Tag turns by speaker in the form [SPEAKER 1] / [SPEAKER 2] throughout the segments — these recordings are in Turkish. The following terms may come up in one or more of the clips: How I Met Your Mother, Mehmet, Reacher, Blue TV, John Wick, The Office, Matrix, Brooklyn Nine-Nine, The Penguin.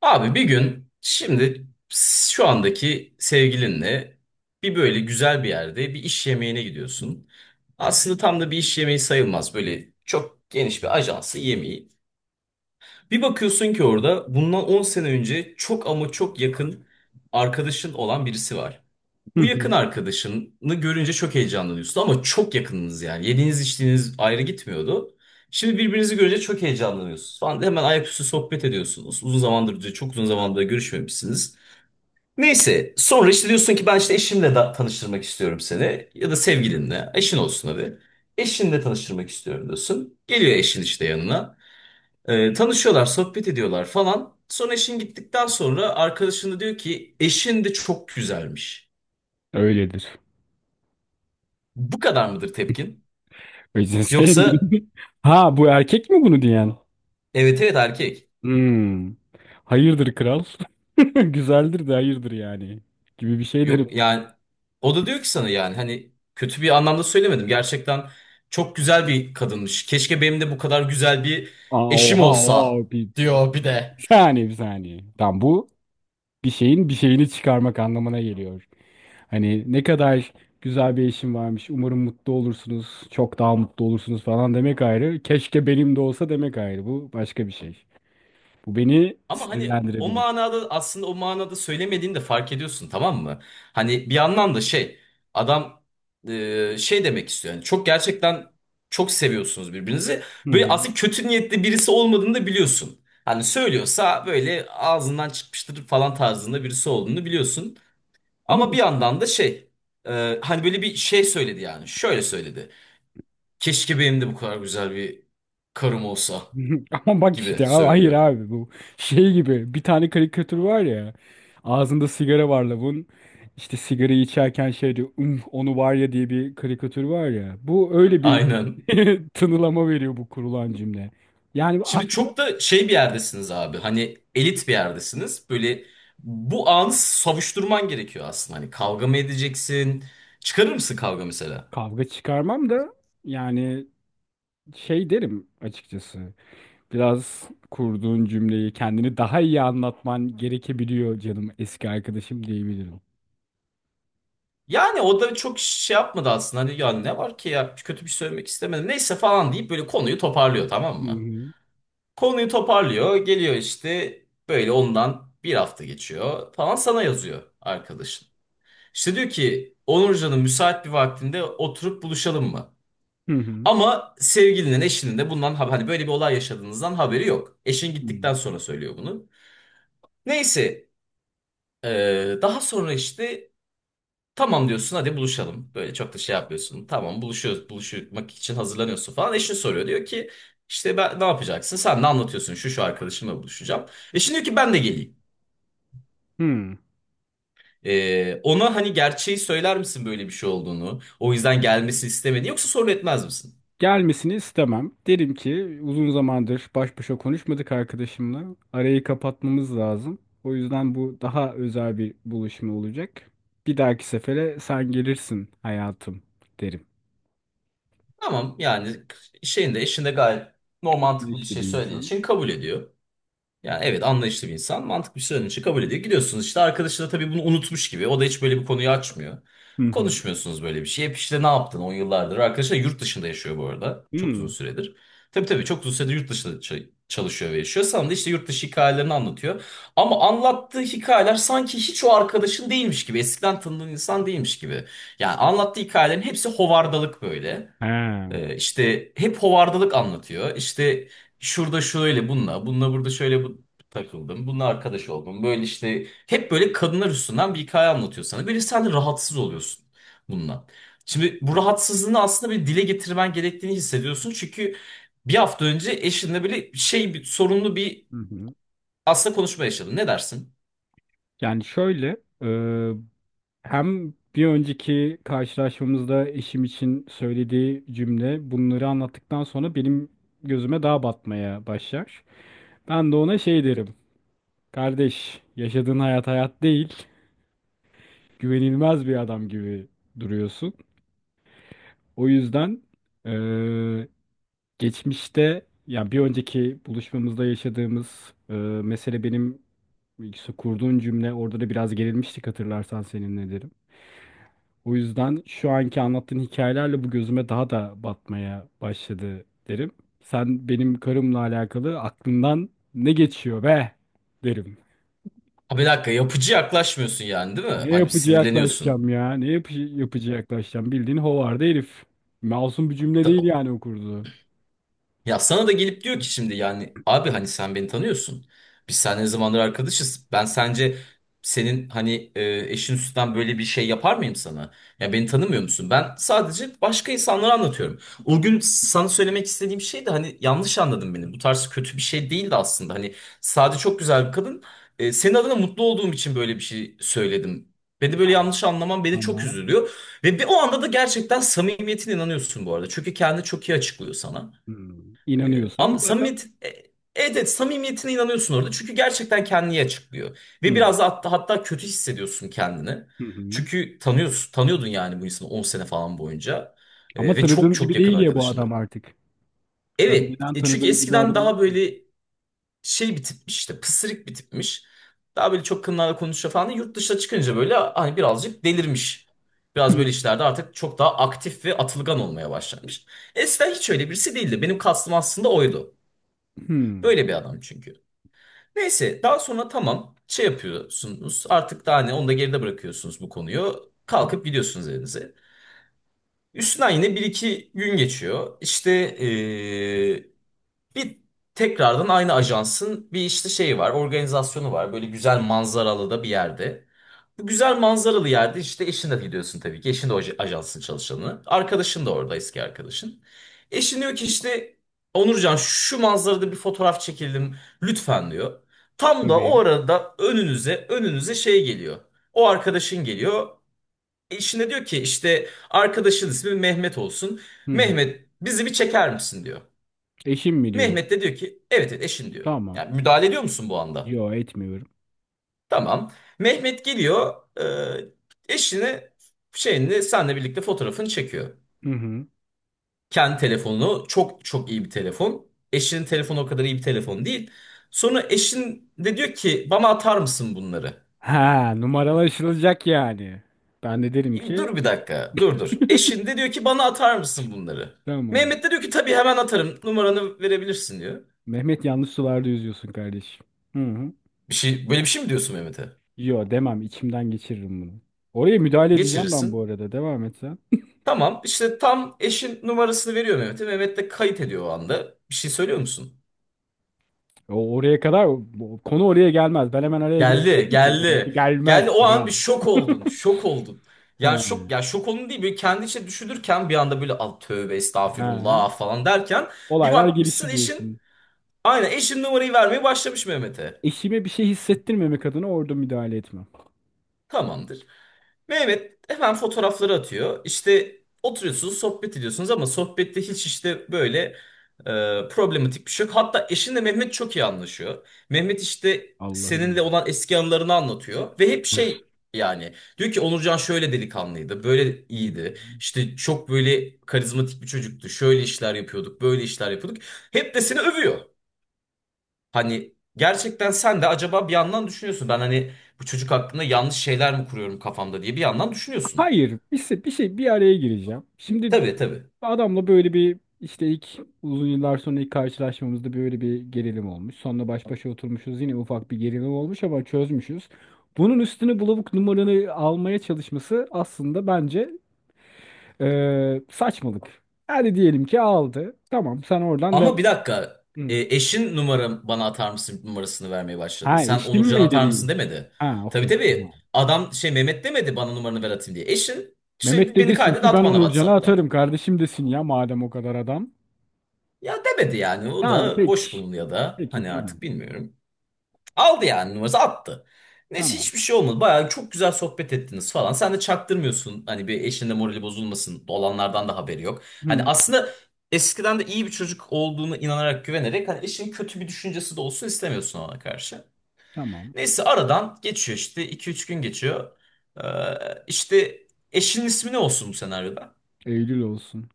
[SPEAKER 1] Abi bir gün şimdi şu andaki sevgilinle bir böyle güzel bir yerde bir iş yemeğine gidiyorsun. Aslında tam da bir iş yemeği sayılmaz. Böyle çok geniş bir ajansı yemeği. Bir bakıyorsun ki orada bundan 10 sene önce çok ama çok yakın arkadaşın olan birisi var.
[SPEAKER 2] Hı
[SPEAKER 1] Bu yakın
[SPEAKER 2] hı.
[SPEAKER 1] arkadaşını görünce çok heyecanlanıyorsun ama çok yakınınız yani. Yediğiniz içtiğiniz ayrı gitmiyordu. Şimdi birbirinizi görünce çok heyecanlanıyorsunuz falan. Hemen ayaküstü sohbet ediyorsunuz. Uzun zamandır, çok uzun zamandır görüşmemişsiniz. Neyse sonra işte diyorsun ki ben işte eşimle da tanıştırmak istiyorum seni. Ya da sevgilinle. Eşin olsun hadi. Eşinle tanıştırmak istiyorum diyorsun. Geliyor eşin işte yanına. Tanışıyorlar, sohbet ediyorlar falan. Sonra eşin gittikten sonra arkadaşını diyor ki eşin de çok güzelmiş.
[SPEAKER 2] Öyledir.
[SPEAKER 1] Bu kadar mıdır tepkin?
[SPEAKER 2] O yüzden
[SPEAKER 1] Yoksa
[SPEAKER 2] sevgilim. Ha, bu erkek mi bunu diyen?
[SPEAKER 1] evet evet erkek.
[SPEAKER 2] Hmm. Hayırdır kral. Güzeldir de hayırdır yani. Gibi bir şey derim.
[SPEAKER 1] Yok yani o da diyor ki sana yani hani kötü bir anlamda söylemedim. Gerçekten çok güzel bir kadınmış. Keşke benim de bu kadar güzel bir
[SPEAKER 2] Aa,
[SPEAKER 1] eşim
[SPEAKER 2] oha
[SPEAKER 1] olsa
[SPEAKER 2] oha. Bir
[SPEAKER 1] diyor bir
[SPEAKER 2] saniye,
[SPEAKER 1] de.
[SPEAKER 2] bir saniye. Tamam, bu bir şeyin bir şeyini çıkarmak anlamına geliyor. Hani ne kadar güzel bir eşim varmış. Umarım mutlu olursunuz. Çok daha mutlu olursunuz falan demek ayrı. Keşke benim de olsa demek ayrı. Bu başka bir şey. Bu beni
[SPEAKER 1] Ama hani o
[SPEAKER 2] sinirlendirebilir.
[SPEAKER 1] manada aslında o manada söylemediğini de fark ediyorsun, tamam mı? Hani bir yandan da şey adam, şey demek istiyor. Yani çok gerçekten çok seviyorsunuz birbirinizi.
[SPEAKER 2] Hı
[SPEAKER 1] Böyle
[SPEAKER 2] hı.
[SPEAKER 1] aslında kötü niyetli birisi olmadığını da biliyorsun. Hani söylüyorsa böyle ağzından çıkmıştır falan tarzında birisi olduğunu biliyorsun.
[SPEAKER 2] Ama
[SPEAKER 1] Ama bir yandan da şey, hani böyle bir şey söyledi yani. Şöyle söyledi. Keşke benim de bu kadar güzel bir karım olsa
[SPEAKER 2] Ama bak
[SPEAKER 1] gibi
[SPEAKER 2] işte abi, hayır
[SPEAKER 1] söylüyor.
[SPEAKER 2] abi, bu şey gibi, bir tane karikatür var ya, ağzında sigara var lavun, işte sigarayı içerken şey diyor, onu var ya," diye bir karikatür var ya, bu öyle bir
[SPEAKER 1] Aynen.
[SPEAKER 2] tınılama veriyor bu kurulan cümle. Yani
[SPEAKER 1] Şimdi
[SPEAKER 2] aslında
[SPEAKER 1] çok da şey bir yerdesiniz abi. Hani elit bir yerdesiniz. Böyle bu anı savuşturman gerekiyor aslında. Hani kavga mı edeceksin? Çıkarır mısın kavga mesela?
[SPEAKER 2] kavga çıkarmam da, yani şey derim açıkçası, biraz kurduğun cümleyi, kendini daha iyi anlatman gerekebiliyor canım eski arkadaşım diyebilirim.
[SPEAKER 1] Yani o da çok şey yapmadı aslında. Hani ya ne var ki ya kötü bir şey söylemek istemedim. Neyse falan deyip böyle konuyu toparlıyor, tamam
[SPEAKER 2] Hı
[SPEAKER 1] mı?
[SPEAKER 2] hı.
[SPEAKER 1] Konuyu toparlıyor. Geliyor işte böyle ondan bir hafta geçiyor falan, sana yazıyor arkadaşın. İşte diyor ki Onurcanın müsait bir vaktinde oturup buluşalım mı?
[SPEAKER 2] Hı hı.
[SPEAKER 1] Ama sevgilinin, eşinin de bundan hani böyle bir olay yaşadığınızdan haberi yok. Eşin
[SPEAKER 2] Hı.
[SPEAKER 1] gittikten sonra söylüyor bunu. Neyse, daha sonra işte tamam diyorsun, hadi buluşalım. Böyle çok da şey yapmıyorsun. Tamam buluşuyoruz, buluşmak için hazırlanıyorsun falan. Eşin soruyor, diyor ki işte ben ne yapacaksın? Sen ne anlatıyorsun? Şu şu arkadaşımla buluşacağım. Eşin diyor ki ben de geleyim.
[SPEAKER 2] Hı.
[SPEAKER 1] Ona hani gerçeği söyler misin böyle bir şey olduğunu? O yüzden gelmesini istemediğini, yoksa sorun etmez misin?
[SPEAKER 2] Gelmesini istemem. Derim ki uzun zamandır baş başa konuşmadık arkadaşımla. Arayı kapatmamız lazım. O yüzden bu daha özel bir buluşma olacak. Bir dahaki sefere sen gelirsin hayatım derim.
[SPEAKER 1] Tamam yani şeyin de eşin de gayet normal mantıklı bir
[SPEAKER 2] İşte
[SPEAKER 1] şey
[SPEAKER 2] bir
[SPEAKER 1] söylediğin
[SPEAKER 2] insan.
[SPEAKER 1] için kabul ediyor. Yani evet, anlayışlı bir insan, mantıklı bir şey söylediğin için kabul ediyor. Gidiyorsunuz işte, arkadaşı da tabii bunu unutmuş gibi. O da hiç böyle bir konuyu açmıyor.
[SPEAKER 2] Hı hı.
[SPEAKER 1] Konuşmuyorsunuz böyle bir şey. Hep işte ne yaptın on yıllardır. Arkadaşı da yurt dışında yaşıyor bu arada. Çok uzun
[SPEAKER 2] Hmm.
[SPEAKER 1] süredir. Tabii tabii, çok uzun süredir yurt dışında çalışıyor ve yaşıyor. Sana da işte yurt dışı hikayelerini anlatıyor. Ama anlattığı hikayeler sanki hiç o arkadaşın değilmiş gibi. Eskiden tanıdığın insan değilmiş gibi. Yani anlattığı hikayelerin hepsi hovardalık böyle.
[SPEAKER 2] He.
[SPEAKER 1] İşte hep hovardalık anlatıyor. İşte şurada şöyle bununla, bununla burada şöyle bu takıldım. Bununla arkadaş oldum. Böyle işte hep böyle kadınlar üstünden bir hikaye anlatıyor sana. Böyle sen de rahatsız oluyorsun bununla. Şimdi bu rahatsızlığını aslında bir dile getirmen gerektiğini hissediyorsun. Çünkü bir hafta önce eşinle böyle şey bir sorunlu bir
[SPEAKER 2] Hı hı.
[SPEAKER 1] aslında konuşma yaşadın. Ne dersin?
[SPEAKER 2] Yani şöyle, e, hem bir önceki karşılaşmamızda eşim için söylediği cümle, bunları anlattıktan sonra benim gözüme daha batmaya başlar. Ben de ona şey derim. Kardeş, yaşadığın hayat hayat değil. Güvenilmez bir adam gibi duruyorsun. O yüzden eee, geçmişte, yani bir önceki buluşmamızda yaşadığımız mesele, benim işte kurduğun cümle, orada da biraz gerilmiştik hatırlarsan seninle derim. O yüzden şu anki anlattığın hikayelerle bu gözüme daha da batmaya başladı derim. Sen benim karımla alakalı aklından ne geçiyor be derim.
[SPEAKER 1] Ha bir dakika, yapıcı yaklaşmıyorsun yani değil mi?
[SPEAKER 2] Ne
[SPEAKER 1] Hani
[SPEAKER 2] yapıcı
[SPEAKER 1] sinirleniyorsun.
[SPEAKER 2] yaklaşacağım ya? Ne yapıcı yaklaşacağım? Bildiğin hovarda herif. Masum bir cümle değil yani o kurduğu.
[SPEAKER 1] Ya sana da gelip diyor ki şimdi yani abi hani sen beni tanıyorsun. Biz seninle ne zamandır arkadaşız. Ben sence senin hani, eşin üstünden böyle bir şey yapar mıyım sana? Ya beni tanımıyor musun? Ben sadece başka insanlara anlatıyorum. O gün sana söylemek istediğim şey de hani, yanlış anladın beni. Bu tarz kötü bir şey değildi aslında. Hani sade çok güzel bir kadın. Senin adına mutlu olduğum için böyle bir şey söyledim. Beni böyle
[SPEAKER 2] Ha,
[SPEAKER 1] yanlış anlaman beni çok
[SPEAKER 2] tamam.
[SPEAKER 1] üzülüyor. Ve bir o anda da gerçekten samimiyetine inanıyorsun bu arada. Çünkü kendini çok iyi açıklıyor sana.
[SPEAKER 2] Hmm.
[SPEAKER 1] Ee, ama
[SPEAKER 2] İnanıyorsam zaten.
[SPEAKER 1] samimiyet, evet evet, samimiyetine inanıyorsun orada. Çünkü gerçekten kendini açıklıyor. Ve
[SPEAKER 2] Hmm.
[SPEAKER 1] biraz da hatta kötü hissediyorsun kendini.
[SPEAKER 2] Hı hı.
[SPEAKER 1] Çünkü tanıyorsun, tanıyordun yani bu insanı 10 sene falan boyunca.
[SPEAKER 2] Ama
[SPEAKER 1] Ve çok
[SPEAKER 2] tanıdığım
[SPEAKER 1] çok
[SPEAKER 2] gibi
[SPEAKER 1] yakın
[SPEAKER 2] değil ya bu adam
[SPEAKER 1] arkadaşındı.
[SPEAKER 2] artık.
[SPEAKER 1] Evet,
[SPEAKER 2] Önceden
[SPEAKER 1] çünkü
[SPEAKER 2] tanıdığım gibi
[SPEAKER 1] eskiden
[SPEAKER 2] adam.
[SPEAKER 1] daha böyle şey bir tipmiş, işte pısırık bir tipmiş. Daha böyle çok kınlarla konuşuyor falan. Yurt dışına çıkınca böyle hani birazcık delirmiş. Biraz böyle işlerde artık çok daha aktif ve atılgan olmaya başlamış. Eskiden hiç öyle birisi değildi. Benim kastım aslında oydu.
[SPEAKER 2] Hmm.
[SPEAKER 1] Böyle bir adam çünkü. Neyse daha sonra tamam şey yapıyorsunuz, artık daha ne onu da geride bırakıyorsunuz bu konuyu. Kalkıp gidiyorsunuz evinize. Üstünden yine bir iki gün geçiyor. İşte bir tekrardan aynı ajansın bir işte şeyi var, organizasyonu var. Böyle güzel manzaralı da bir yerde. Bu güzel manzaralı yerde işte eşinle gidiyorsun tabii ki. Eşin de o ajansın çalışanı. Arkadaşın da orada, eski arkadaşın. Eşin diyor ki işte Onurcan şu manzarada bir fotoğraf çekelim lütfen diyor. Tam da o
[SPEAKER 2] Tabii.
[SPEAKER 1] arada önünüze şey geliyor. O arkadaşın geliyor. Eşine diyor ki işte arkadaşın ismi Mehmet olsun.
[SPEAKER 2] Hı hı.
[SPEAKER 1] Mehmet bizi bir çeker misin diyor.
[SPEAKER 2] Eşim mi diyor?
[SPEAKER 1] Mehmet de diyor ki evet evet eşin diyor.
[SPEAKER 2] Tamam.
[SPEAKER 1] Yani müdahale ediyor musun bu anda?
[SPEAKER 2] Yo, etmiyorum.
[SPEAKER 1] Tamam. Mehmet geliyor, eşini şeyini senle birlikte fotoğrafını çekiyor.
[SPEAKER 2] Hı hı.
[SPEAKER 1] Kendi telefonu çok çok iyi bir telefon. Eşinin telefonu o kadar iyi bir telefon değil. Sonra eşin de diyor ki bana atar mısın bunları?
[SPEAKER 2] Ha, numaralaşılacak yani. Ben de derim ki
[SPEAKER 1] Dur bir dakika, dur dur. Eşin de diyor ki bana atar mısın bunları?
[SPEAKER 2] tamam.
[SPEAKER 1] Mehmet de diyor ki tabii hemen atarım, numaranı verebilirsin diyor.
[SPEAKER 2] Mehmet, yanlış sularda yüzüyorsun kardeşim. Hı hı.
[SPEAKER 1] Bir şey, böyle bir şey mi diyorsun Mehmet'e?
[SPEAKER 2] Yo, demem, içimden geçiririm bunu. Oraya müdahale edeceğim ben, bu
[SPEAKER 1] Geçirirsin.
[SPEAKER 2] arada devam et sen.
[SPEAKER 1] Tamam işte tam eşin numarasını veriyor Mehmet'e. Mehmet de kayıt ediyor o anda. Bir şey söylüyor musun?
[SPEAKER 2] O oraya kadar konu oraya gelmez. Ben hemen araya
[SPEAKER 1] Geldi,
[SPEAKER 2] giremedim ki. Ya,
[SPEAKER 1] geldi.
[SPEAKER 2] gelmez
[SPEAKER 1] Geldi o an
[SPEAKER 2] kral.
[SPEAKER 1] bir şok oldun. Şok oldun. Yani
[SPEAKER 2] He,
[SPEAKER 1] şok, ya şok olun değil, böyle kendi içine düşünürken bir anda böyle al tövbe
[SPEAKER 2] he.
[SPEAKER 1] estağfirullah falan derken bir
[SPEAKER 2] Olaylar
[SPEAKER 1] bakmışsın
[SPEAKER 2] gelişti
[SPEAKER 1] eşin,
[SPEAKER 2] diyorsun.
[SPEAKER 1] aynen eşin numarayı vermeye başlamış Mehmet'e.
[SPEAKER 2] Eşime bir şey hissettirmemek adına orada müdahale etmem.
[SPEAKER 1] Tamamdır. Mehmet hemen fotoğrafları atıyor. İşte oturuyorsunuz, sohbet ediyorsunuz ama sohbette hiç işte böyle, problematik bir şey yok. Hatta eşinle Mehmet çok iyi anlaşıyor. Mehmet işte seninle
[SPEAKER 2] Allah'ım.
[SPEAKER 1] olan eski anılarını anlatıyor ve hep şey, yani diyor ki Onurcan şöyle delikanlıydı, böyle iyiydi. İşte çok böyle karizmatik bir çocuktu. Şöyle işler yapıyorduk, böyle işler yapıyorduk. Hep de seni övüyor. Hani gerçekten sen de acaba bir yandan düşünüyorsun. Ben hani bu çocuk hakkında yanlış şeyler mi kuruyorum kafamda diye bir yandan düşünüyorsun.
[SPEAKER 2] Hayır, bir şey, bir araya gireceğim. Şimdi
[SPEAKER 1] Tabii tabii.
[SPEAKER 2] adamla böyle bir işte ilk, uzun yıllar sonra ilk karşılaşmamızda böyle bir gerilim olmuş. Sonra baş başa oturmuşuz yine ufak bir gerilim olmuş ama çözmüşüz. Bunun üstüne bulavuk numaranı almaya çalışması aslında bence saçmalık. Hadi diyelim ki aldı. Tamam, sen oradan
[SPEAKER 1] Ama
[SPEAKER 2] devam.
[SPEAKER 1] bir dakika.
[SPEAKER 2] Hı.
[SPEAKER 1] E, eşin numaram bana atar mısın numarasını vermeye başladı.
[SPEAKER 2] Ha,
[SPEAKER 1] Sen
[SPEAKER 2] eşim
[SPEAKER 1] Onurcan
[SPEAKER 2] mi
[SPEAKER 1] atar mısın
[SPEAKER 2] dediymiş.
[SPEAKER 1] demedi.
[SPEAKER 2] Ha,
[SPEAKER 1] Tabii
[SPEAKER 2] okey.
[SPEAKER 1] tabii.
[SPEAKER 2] Tamam.
[SPEAKER 1] Adam şey Mehmet demedi bana numaranı ver atayım diye. Eşin
[SPEAKER 2] Mehmet
[SPEAKER 1] işte
[SPEAKER 2] de
[SPEAKER 1] beni
[SPEAKER 2] desin
[SPEAKER 1] kaydet
[SPEAKER 2] ki
[SPEAKER 1] at
[SPEAKER 2] ben
[SPEAKER 1] bana
[SPEAKER 2] Onurcan'a
[SPEAKER 1] WhatsApp'tan.
[SPEAKER 2] atarım kardeşim desin ya, madem o kadar adam.
[SPEAKER 1] Ya demedi yani. O
[SPEAKER 2] Tamam
[SPEAKER 1] da boş
[SPEAKER 2] peki.
[SPEAKER 1] bulunuyor da.
[SPEAKER 2] Peki
[SPEAKER 1] Hani
[SPEAKER 2] tamam.
[SPEAKER 1] artık bilmiyorum. Aldı yani, numarası attı. Neyse
[SPEAKER 2] Tamam.
[SPEAKER 1] hiçbir şey olmadı. Bayağı çok güzel sohbet ettiniz falan. Sen de çaktırmıyorsun. Hani bir eşinin de morali bozulmasın. Olanlardan da haberi yok.
[SPEAKER 2] Hı,
[SPEAKER 1] Hani
[SPEAKER 2] hı,
[SPEAKER 1] aslında eskiden de iyi bir çocuk olduğunu inanarak, güvenerek hani eşinin kötü bir düşüncesi de olsun istemiyorsun ona karşı.
[SPEAKER 2] tamam.
[SPEAKER 1] Neyse aradan geçiyor işte, iki üç gün geçiyor. İşte eşinin ismi ne olsun bu senaryoda?
[SPEAKER 2] Eylül olsun.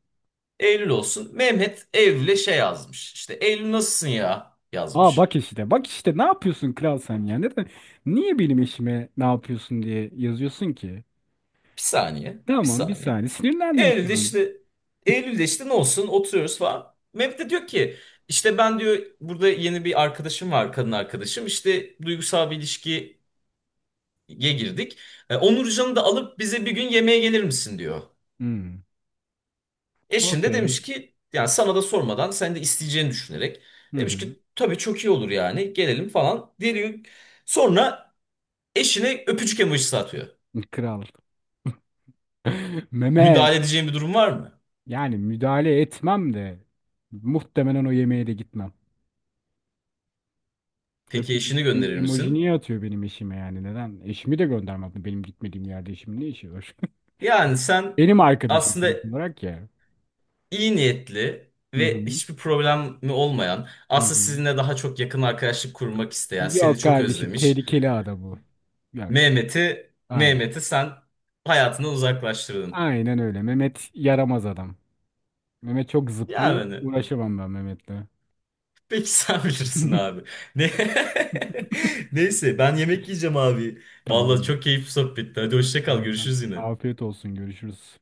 [SPEAKER 1] Eylül olsun. Mehmet Eylül'e şey yazmış. İşte Eylül nasılsın ya
[SPEAKER 2] Aa,
[SPEAKER 1] yazmış.
[SPEAKER 2] bak işte, bak işte ne yapıyorsun kral sen ya? Neden, niye benim eşime ne yapıyorsun diye yazıyorsun ki?
[SPEAKER 1] Bir saniye, bir
[SPEAKER 2] Tamam, bir
[SPEAKER 1] saniye.
[SPEAKER 2] saniye, sinirlendim
[SPEAKER 1] Eylül'de
[SPEAKER 2] şu an.
[SPEAKER 1] işte Eylül'de işte ne olsun oturuyoruz falan. Mehmet de diyor ki işte ben diyor burada yeni bir arkadaşım var, kadın arkadaşım, işte duygusal bir ilişkiye girdik. Onurcan'ı da alıp bize bir gün yemeğe gelir misin diyor.
[SPEAKER 2] Hmm.
[SPEAKER 1] Eşin de
[SPEAKER 2] Okey.
[SPEAKER 1] demiş ki yani sana da sormadan, sen de isteyeceğini düşünerek
[SPEAKER 2] Hı
[SPEAKER 1] demiş
[SPEAKER 2] hı.
[SPEAKER 1] ki tabii çok iyi olur yani, gelelim falan diyor. Sonra eşine öpücük emojisi atıyor.
[SPEAKER 2] Kral. Mehmet,
[SPEAKER 1] Müdahale edeceğin bir durum var mı?
[SPEAKER 2] yani müdahale etmem de muhtemelen o yemeğe de gitmem.
[SPEAKER 1] Peki
[SPEAKER 2] Öpücük
[SPEAKER 1] eşini gönderir
[SPEAKER 2] emoji
[SPEAKER 1] misin?
[SPEAKER 2] niye atıyor benim eşime, yani neden? Eşimi de göndermedi, benim gitmediğim yerde eşimin ne işi var?
[SPEAKER 1] Yani sen
[SPEAKER 2] Benim arkadaşım
[SPEAKER 1] aslında
[SPEAKER 2] sonuç olarak ya.
[SPEAKER 1] iyi niyetli
[SPEAKER 2] Hı
[SPEAKER 1] ve
[SPEAKER 2] hı.
[SPEAKER 1] hiçbir problemi olmayan,
[SPEAKER 2] Hı
[SPEAKER 1] aslında
[SPEAKER 2] hı.
[SPEAKER 1] sizinle daha çok yakın arkadaşlık kurmak isteyen, seni
[SPEAKER 2] Yok
[SPEAKER 1] çok
[SPEAKER 2] kardeşim,
[SPEAKER 1] özlemiş.
[SPEAKER 2] tehlikeli ada bu. Yok.
[SPEAKER 1] Mehmet'i,
[SPEAKER 2] Aynen.
[SPEAKER 1] Mehmet'i sen hayatından uzaklaştırdın.
[SPEAKER 2] Aynen öyle. Mehmet yaramaz adam. Mehmet çok zıplıyor.
[SPEAKER 1] Yani
[SPEAKER 2] Uğraşamam ben Mehmet'le.
[SPEAKER 1] peki sen bilirsin abi. Ne? Neyse ben yemek yiyeceğim abi. Vallahi çok
[SPEAKER 2] Tamamdır.
[SPEAKER 1] keyifli sohbetti. Hadi hoşça kal,
[SPEAKER 2] Aynen.
[SPEAKER 1] görüşürüz yine.
[SPEAKER 2] Afiyet olsun. Görüşürüz.